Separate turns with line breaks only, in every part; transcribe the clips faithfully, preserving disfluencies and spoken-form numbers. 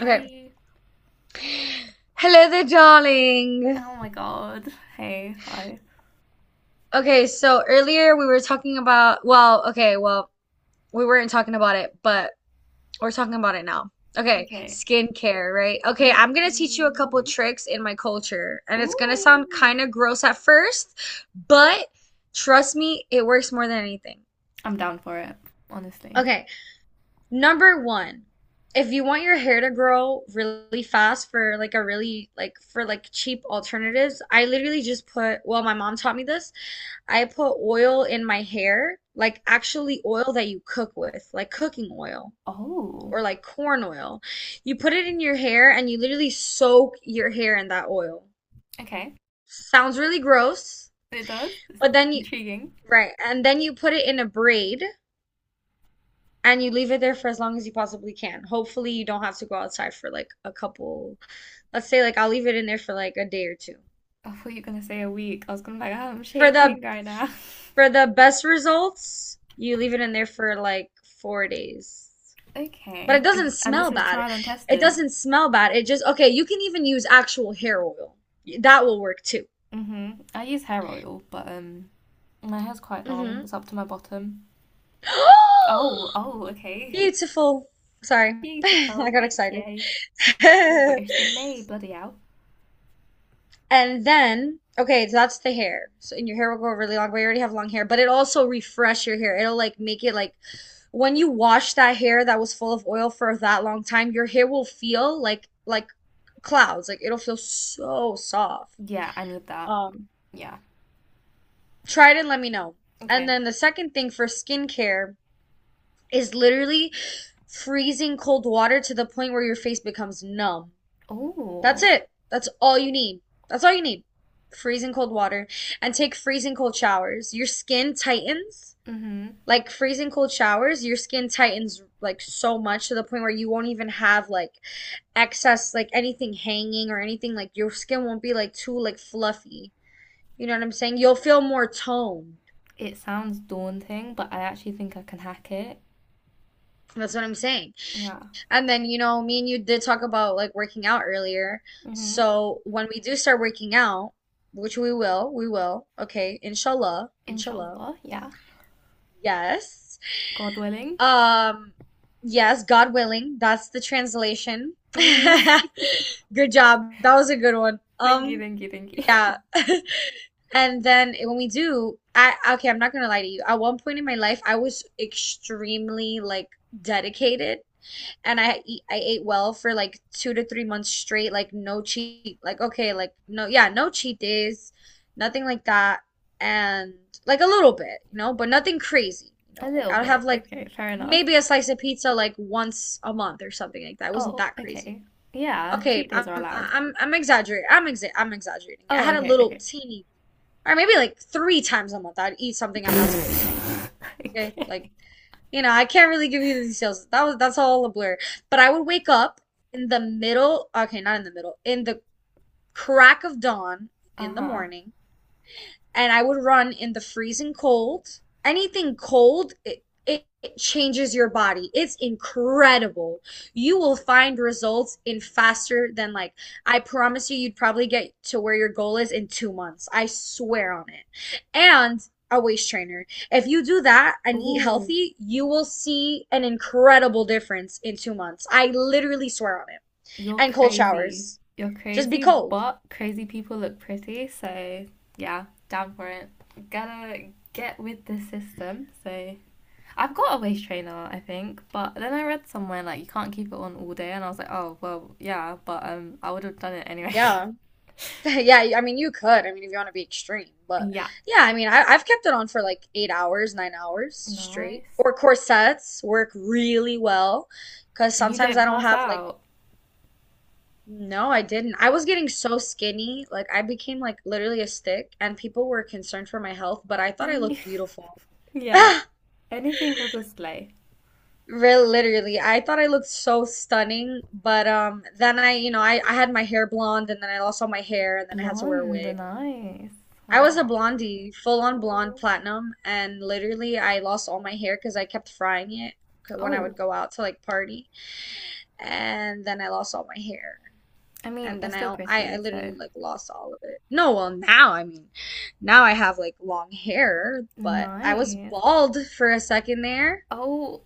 Okay. Hello there, darling.
Oh my god. Hey. Hi.
Okay, so earlier we were talking about, well, okay, well, we weren't talking about it, but we're talking about it now. Okay,
Okay.
skincare, right? Okay, I'm gonna teach you a couple
Mhm.
tricks in my culture, and it's gonna sound
Ooh.
kind of gross at first, but trust me, it works more than anything.
I'm down for it, honestly.
Okay, number one, if you want your hair to grow really fast for like a really like for like cheap alternatives, I literally just put, well, my mom taught me this. I put oil in my hair, like actually oil that you cook with, like cooking oil or
Oh.
like corn oil. You put it in your hair and you literally soak your hair in that oil.
Okay.
Sounds really gross,
It does. It's
but then you,
intriguing.
right, and then you put it in a braid, and you leave it there for as long as you possibly can. Hopefully, you don't have to go outside for like a couple, let's say like I'll leave it in there for like a day or two.
I thought you were gonna say a week. I was gonna be like, oh, I'm
For
shaking
the
right now.
for the best results, you leave it in there for like four days. But it
Okay. It-
doesn't
And this
smell
is
bad.
trial and
It
tested.
doesn't smell bad. It just okay, you can even use actual hair oil. That will work too.
hmm I use hair oil, but um my hair's quite long.
Hmm
It's up to my bottom. Oh, oh, okay.
Beautiful. Sorry. I
Beautiful,
got
thank
excited.
you. More British than me, bloody hell.
And then, okay, so that's the hair. So and your hair will grow really long, but you already have long hair, but it also refresh your hair. It'll like make it like when you wash that hair that was full of oil for that long time, your hair will feel like like clouds. Like it'll feel so soft.
Yeah, I need that.
Um,
Yeah.
try it and let me know. And
Okay.
then the second thing for skincare is literally freezing cold water to the point where your face becomes numb. That's
Oh,
it! That's all you need. That's all you need. Freezing cold water. And take freezing cold showers. Your skin tightens.
mm-hmm.
Like freezing cold showers, your skin tightens like so much to the point where you won't even have like excess like anything hanging or anything like your skin won't be like too like fluffy. You know what I'm saying? You'll feel more toned.
It sounds daunting, but I actually think I can hack it.
That's what I'm saying.
Yeah.
And then, you know, me and you did talk about like working out earlier.
Mm-hmm.
So when we do start working out, which we will, we will, okay, inshallah, inshallah.
Inshallah, yeah.
Yes.
God willing.
Um, yes, God willing, that's the translation.
Hmm
Good job. That was a good one.
Thank you,
Um,
thank you, thank you.
yeah. And then eh, when we do, I okay, I'm not gonna lie to you. At one point in my life, I was extremely like dedicated and I eat, I ate well for like two to three months straight, like no cheat, like okay, like no, yeah, no cheat days, nothing like that, and like a little bit, you know, but nothing crazy, you
A
know, like
little
I'll have
bit.
like
Okay, fair enough.
maybe a slice of pizza like once a month or something like that. It wasn't
Oh,
that crazy.
okay. Yeah,
Okay,
cheat days are
I'm
allowed.
I'm I'm exaggerating. I'm exa I'm exaggerating. I
Oh,
had a
okay,
little
okay.
teeny, or maybe like three times a month I'd eat something I'm not supposed to. Okay, like
Okay.
you know, I can't really give you the details. That was that's all a blur. But I would wake up in the middle, okay, not in the middle, in the crack of dawn in the
Uh-huh.
morning, and I would run in the freezing cold. Anything cold, it, it, it changes your body. It's incredible. You will find results in faster than like I promise you, you'd probably get to where your goal is in two months. I swear on it. And a waist trainer. If you do that and eat
Ooh.
healthy, you will see an incredible difference in two months. I literally swear on it.
You're
And cold
crazy.
showers.
You're
Just be
crazy,
cold.
but crazy people look pretty, so yeah, down for it. Gotta get with the system. So I've got a waist trainer, I think, but then I read somewhere like you can't keep it on all day, and I was like, oh well, yeah, but um, I would have done it anyway.
Yeah. Yeah, I mean you could. I mean if you want to be extreme, but
yeah,
yeah, I mean I, I've kept it on for like eight hours, nine hours straight.
nice.
Or corsets work really well, because
And you
sometimes
don't
I don't
pass
have like
out.
no, I didn't. I was getting so skinny, like I became like literally a stick, and people were concerned for my health, but I thought I looked beautiful.
yeah,
Ah,
anything for the sleigh.
real literally, I thought I looked so stunning, but um, then I, you know, I, I had my hair blonde, and then I lost all my hair, and then I had to wear a
Blonde,
wig.
nice.
I was a
Wow.
blondie, full on blonde
Oh,
platinum, and literally I lost all my hair because I kept frying it when I would
Oh,
go out to like party, and then I lost all my hair,
I mean,
and
you're
then I
still
I, I
pretty,
literally
so
like lost all of it. No, well now I mean, now I have like long hair, but I was
Nice.
bald for a second there.
Oh,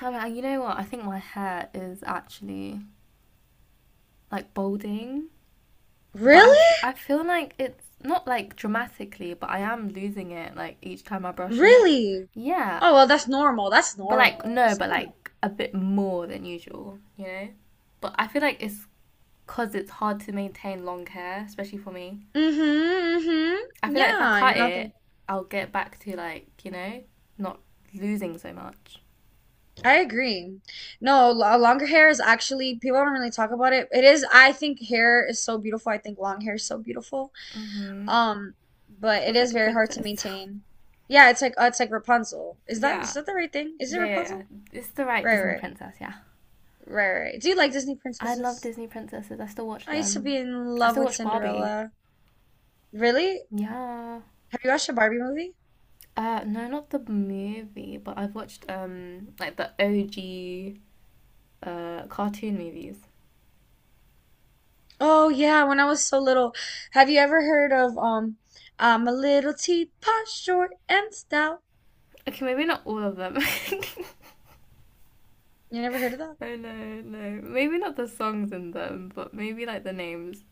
I mean, I- you know what? I think my hair is actually like balding, but I,
Really?
f- I feel like it's not like dramatically, but I am losing it like each time I brush it.
Really?
Yeah,
Oh well, that's normal. That's
but like
normal.
no,
That's
but
normal.
like a bit more than usual, you know? But I feel like it's because it's hard to maintain long hair, especially for me.
Mm-hmm, mm-hmm.
I feel like if I
Yeah,
cut
you're not the
it, I'll get back to like, you know, not losing so much.
I agree. No, lo- longer hair is actually, people don't really talk about it. It is, I think hair is so beautiful. I think long hair is so beautiful.
Mm-hmm.
Um, but it
Feels
is
like a
very hard to
princess.
maintain. Yeah, it's like uh, it's like Rapunzel. Is that is
Yeah.
that the right thing? Is it
Yeah, yeah, yeah.
Rapunzel?
It's the right
Right,
Disney
right,
princess, yeah.
right, right. Do you like Disney
I love
princesses?
Disney princesses. I still watch
I used to be
them.
in
I
love
still
with
watch Barbie.
Cinderella. Really?
Yeah.
Have you watched a Barbie movie?
Uh no, not the movie, but I've watched um like the O G uh cartoon movies.
Oh yeah, when I was so little. Have you ever heard of um, I'm a little teapot, short and stout?
Okay, maybe not all of them. oh
You never heard of that?
no, no. Maybe not the songs in them, but maybe like the names.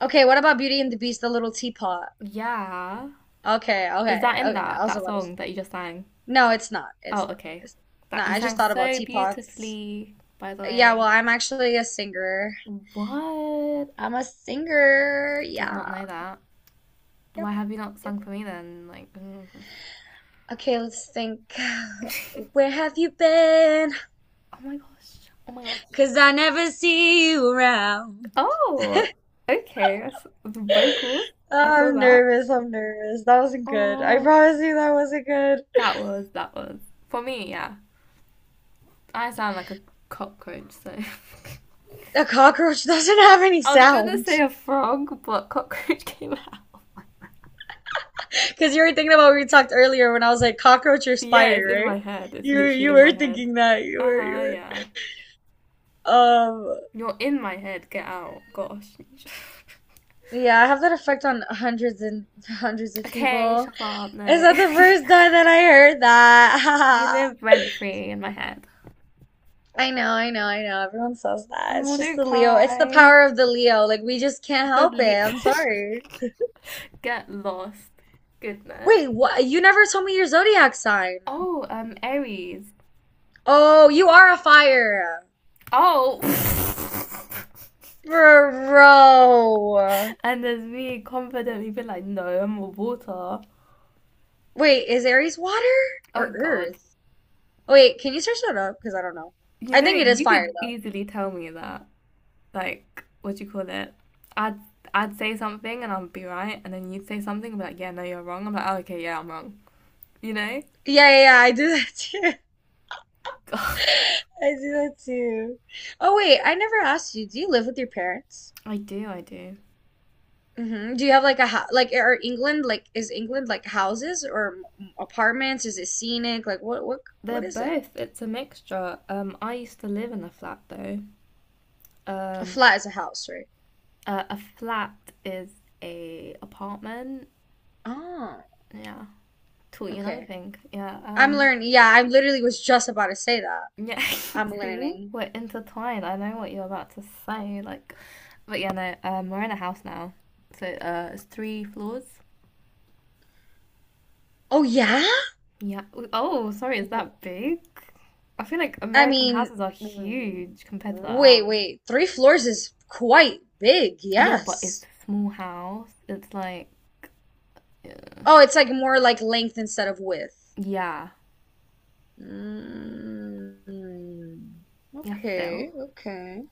Okay, what about Beauty and the Beast, the little teapot?
Yeah.
Okay,
Is
okay,
that in
okay. I
that
was
that
about to. s-
song that you just sang?
No, it's not.
Oh,
It's not.
okay.
It's
That
not.
you
I just
sang
thought about
so
teapots.
beautifully, by the
Yeah, well,
way.
I'm actually a singer.
What?
I'm a singer.
Did
Yeah.
not know that.
Yep.
Why have you not
Yep.
sung for me then? Like, mm.
Okay, let's think. Where have you been?
oh my gosh, oh my gosh.
'Cause I never see you around.
Oh, okay. That's the vocals. I saw
I'm
that.
nervous. I'm nervous. That wasn't good. I
Oh,
promise you that wasn't good.
that was that was for me. Yeah, I sound like a cockroach. So
A cockroach doesn't have any
I was gonna say
sound.
a frog, but cockroach came out.
Because you were thinking about what we talked earlier when I was like cockroach or
Yeah, it's
spider,
in
right?
my head. It's
You were,
literally
you
in my
were
head.
thinking that you
Uh
were you
huh.
were.
Yeah.
Um,
You're in my head. Get out. Gosh.
yeah, I have that effect on hundreds and hundreds of
okay,
people.
shut up.
Is
No.
that the first time that I heard
You
that?
live rent free in my head.
I know, I know, I know. Everyone says that.
Oh,
It's just
don't
the Leo. It's the
cry.
power of the Leo. Like we just can't
The
help it.
leech.
I'm sorry.
Get lost. Goodness.
Wait, what? You never told me your zodiac sign.
Oh, um, Aries.
Oh, you are a fire.
Oh.
Bro.
and there's me confidently being like, no, I'm a water.
Wait, is Aries water
Oh
or
God.
earth? Oh, wait, can you search that up? Because I don't know.
You
I
know,
think it is
you
fire
could
though.
easily tell me that. Like, what do you call it? I'd I'd say something and I'd be right, and then you'd say something and be like, yeah, no, you're wrong. I'm like, oh, okay, yeah, I'm wrong. You know?
Yeah, yeah, yeah, I do that too.
God.
I do that too. Oh wait, I never asked you. Do you live with your parents?
I do, I do.
Hmm Do you have like a ho like are England like is England like houses or m- apartments? Is it scenic? Like what what
They're
what is it?
both. It's a mixture. Um, I used to live in a flat though.
A
Um,
flat is a house, right?
uh, a flat is a apartment.
Oh,
Yeah, taught you another
okay.
thing. Yeah.
I'm
Um,
learning. Yeah, I literally was just about to say that.
yeah.
I'm
See,
learning.
we're intertwined. I know what you're about to say. Like, but yeah, no. Um, we're in a house now. So uh, it's three floors.
Oh yeah?
Yeah. Oh, sorry. Is that big? I feel like
I
American
mean,
houses are
w-
huge compared to that.
wait,
House.
wait. Three floors is quite big,
Yeah, but it's
yes.
a small house. It's like
Oh, it's like more like length instead of width.
yeah.
Mm,
Yeah, Phil.
okay, okay.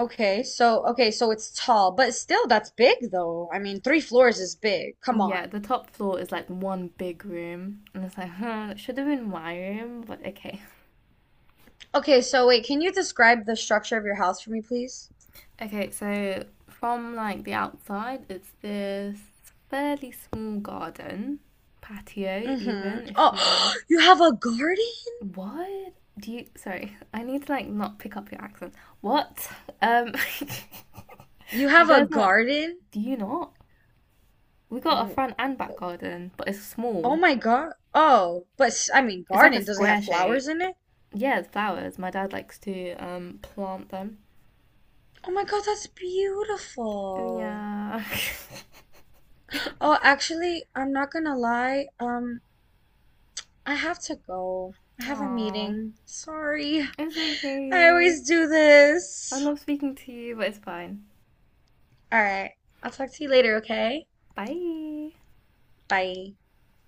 Okay, so okay, so it's tall, but still that's big though. I mean, three floors is big. Come
Yeah,
on.
the top floor is like one big room, and it's like, huh, that should have been my room, but okay.
Okay, so wait, can you describe the structure of your house for me, please?
Okay, so from like the outside, it's this fairly small garden, patio,
Mm-hmm.
even if you will.
Oh, you have a garden?
What do you? Sorry, I need to like not pick up your accent. What? Um,
You
do you
have a
guys not?
garden?
Do you not? We got a front and back garden, but it's
Oh
small.
my God. Oh, but I mean,
It's like a
garden. Does it have
square shape.
flowers in it?
Yeah, the flowers. My dad likes to um plant them.
Oh my God, that's beautiful.
Yeah.
Oh, actually, I'm not gonna lie. Um, I have to go. I have a
Aww.
meeting. Sorry.
It's
I
okay.
always do
I
this.
love speaking to you, but it's fine.
All right. I'll talk to you later, okay?
Bye.
Bye.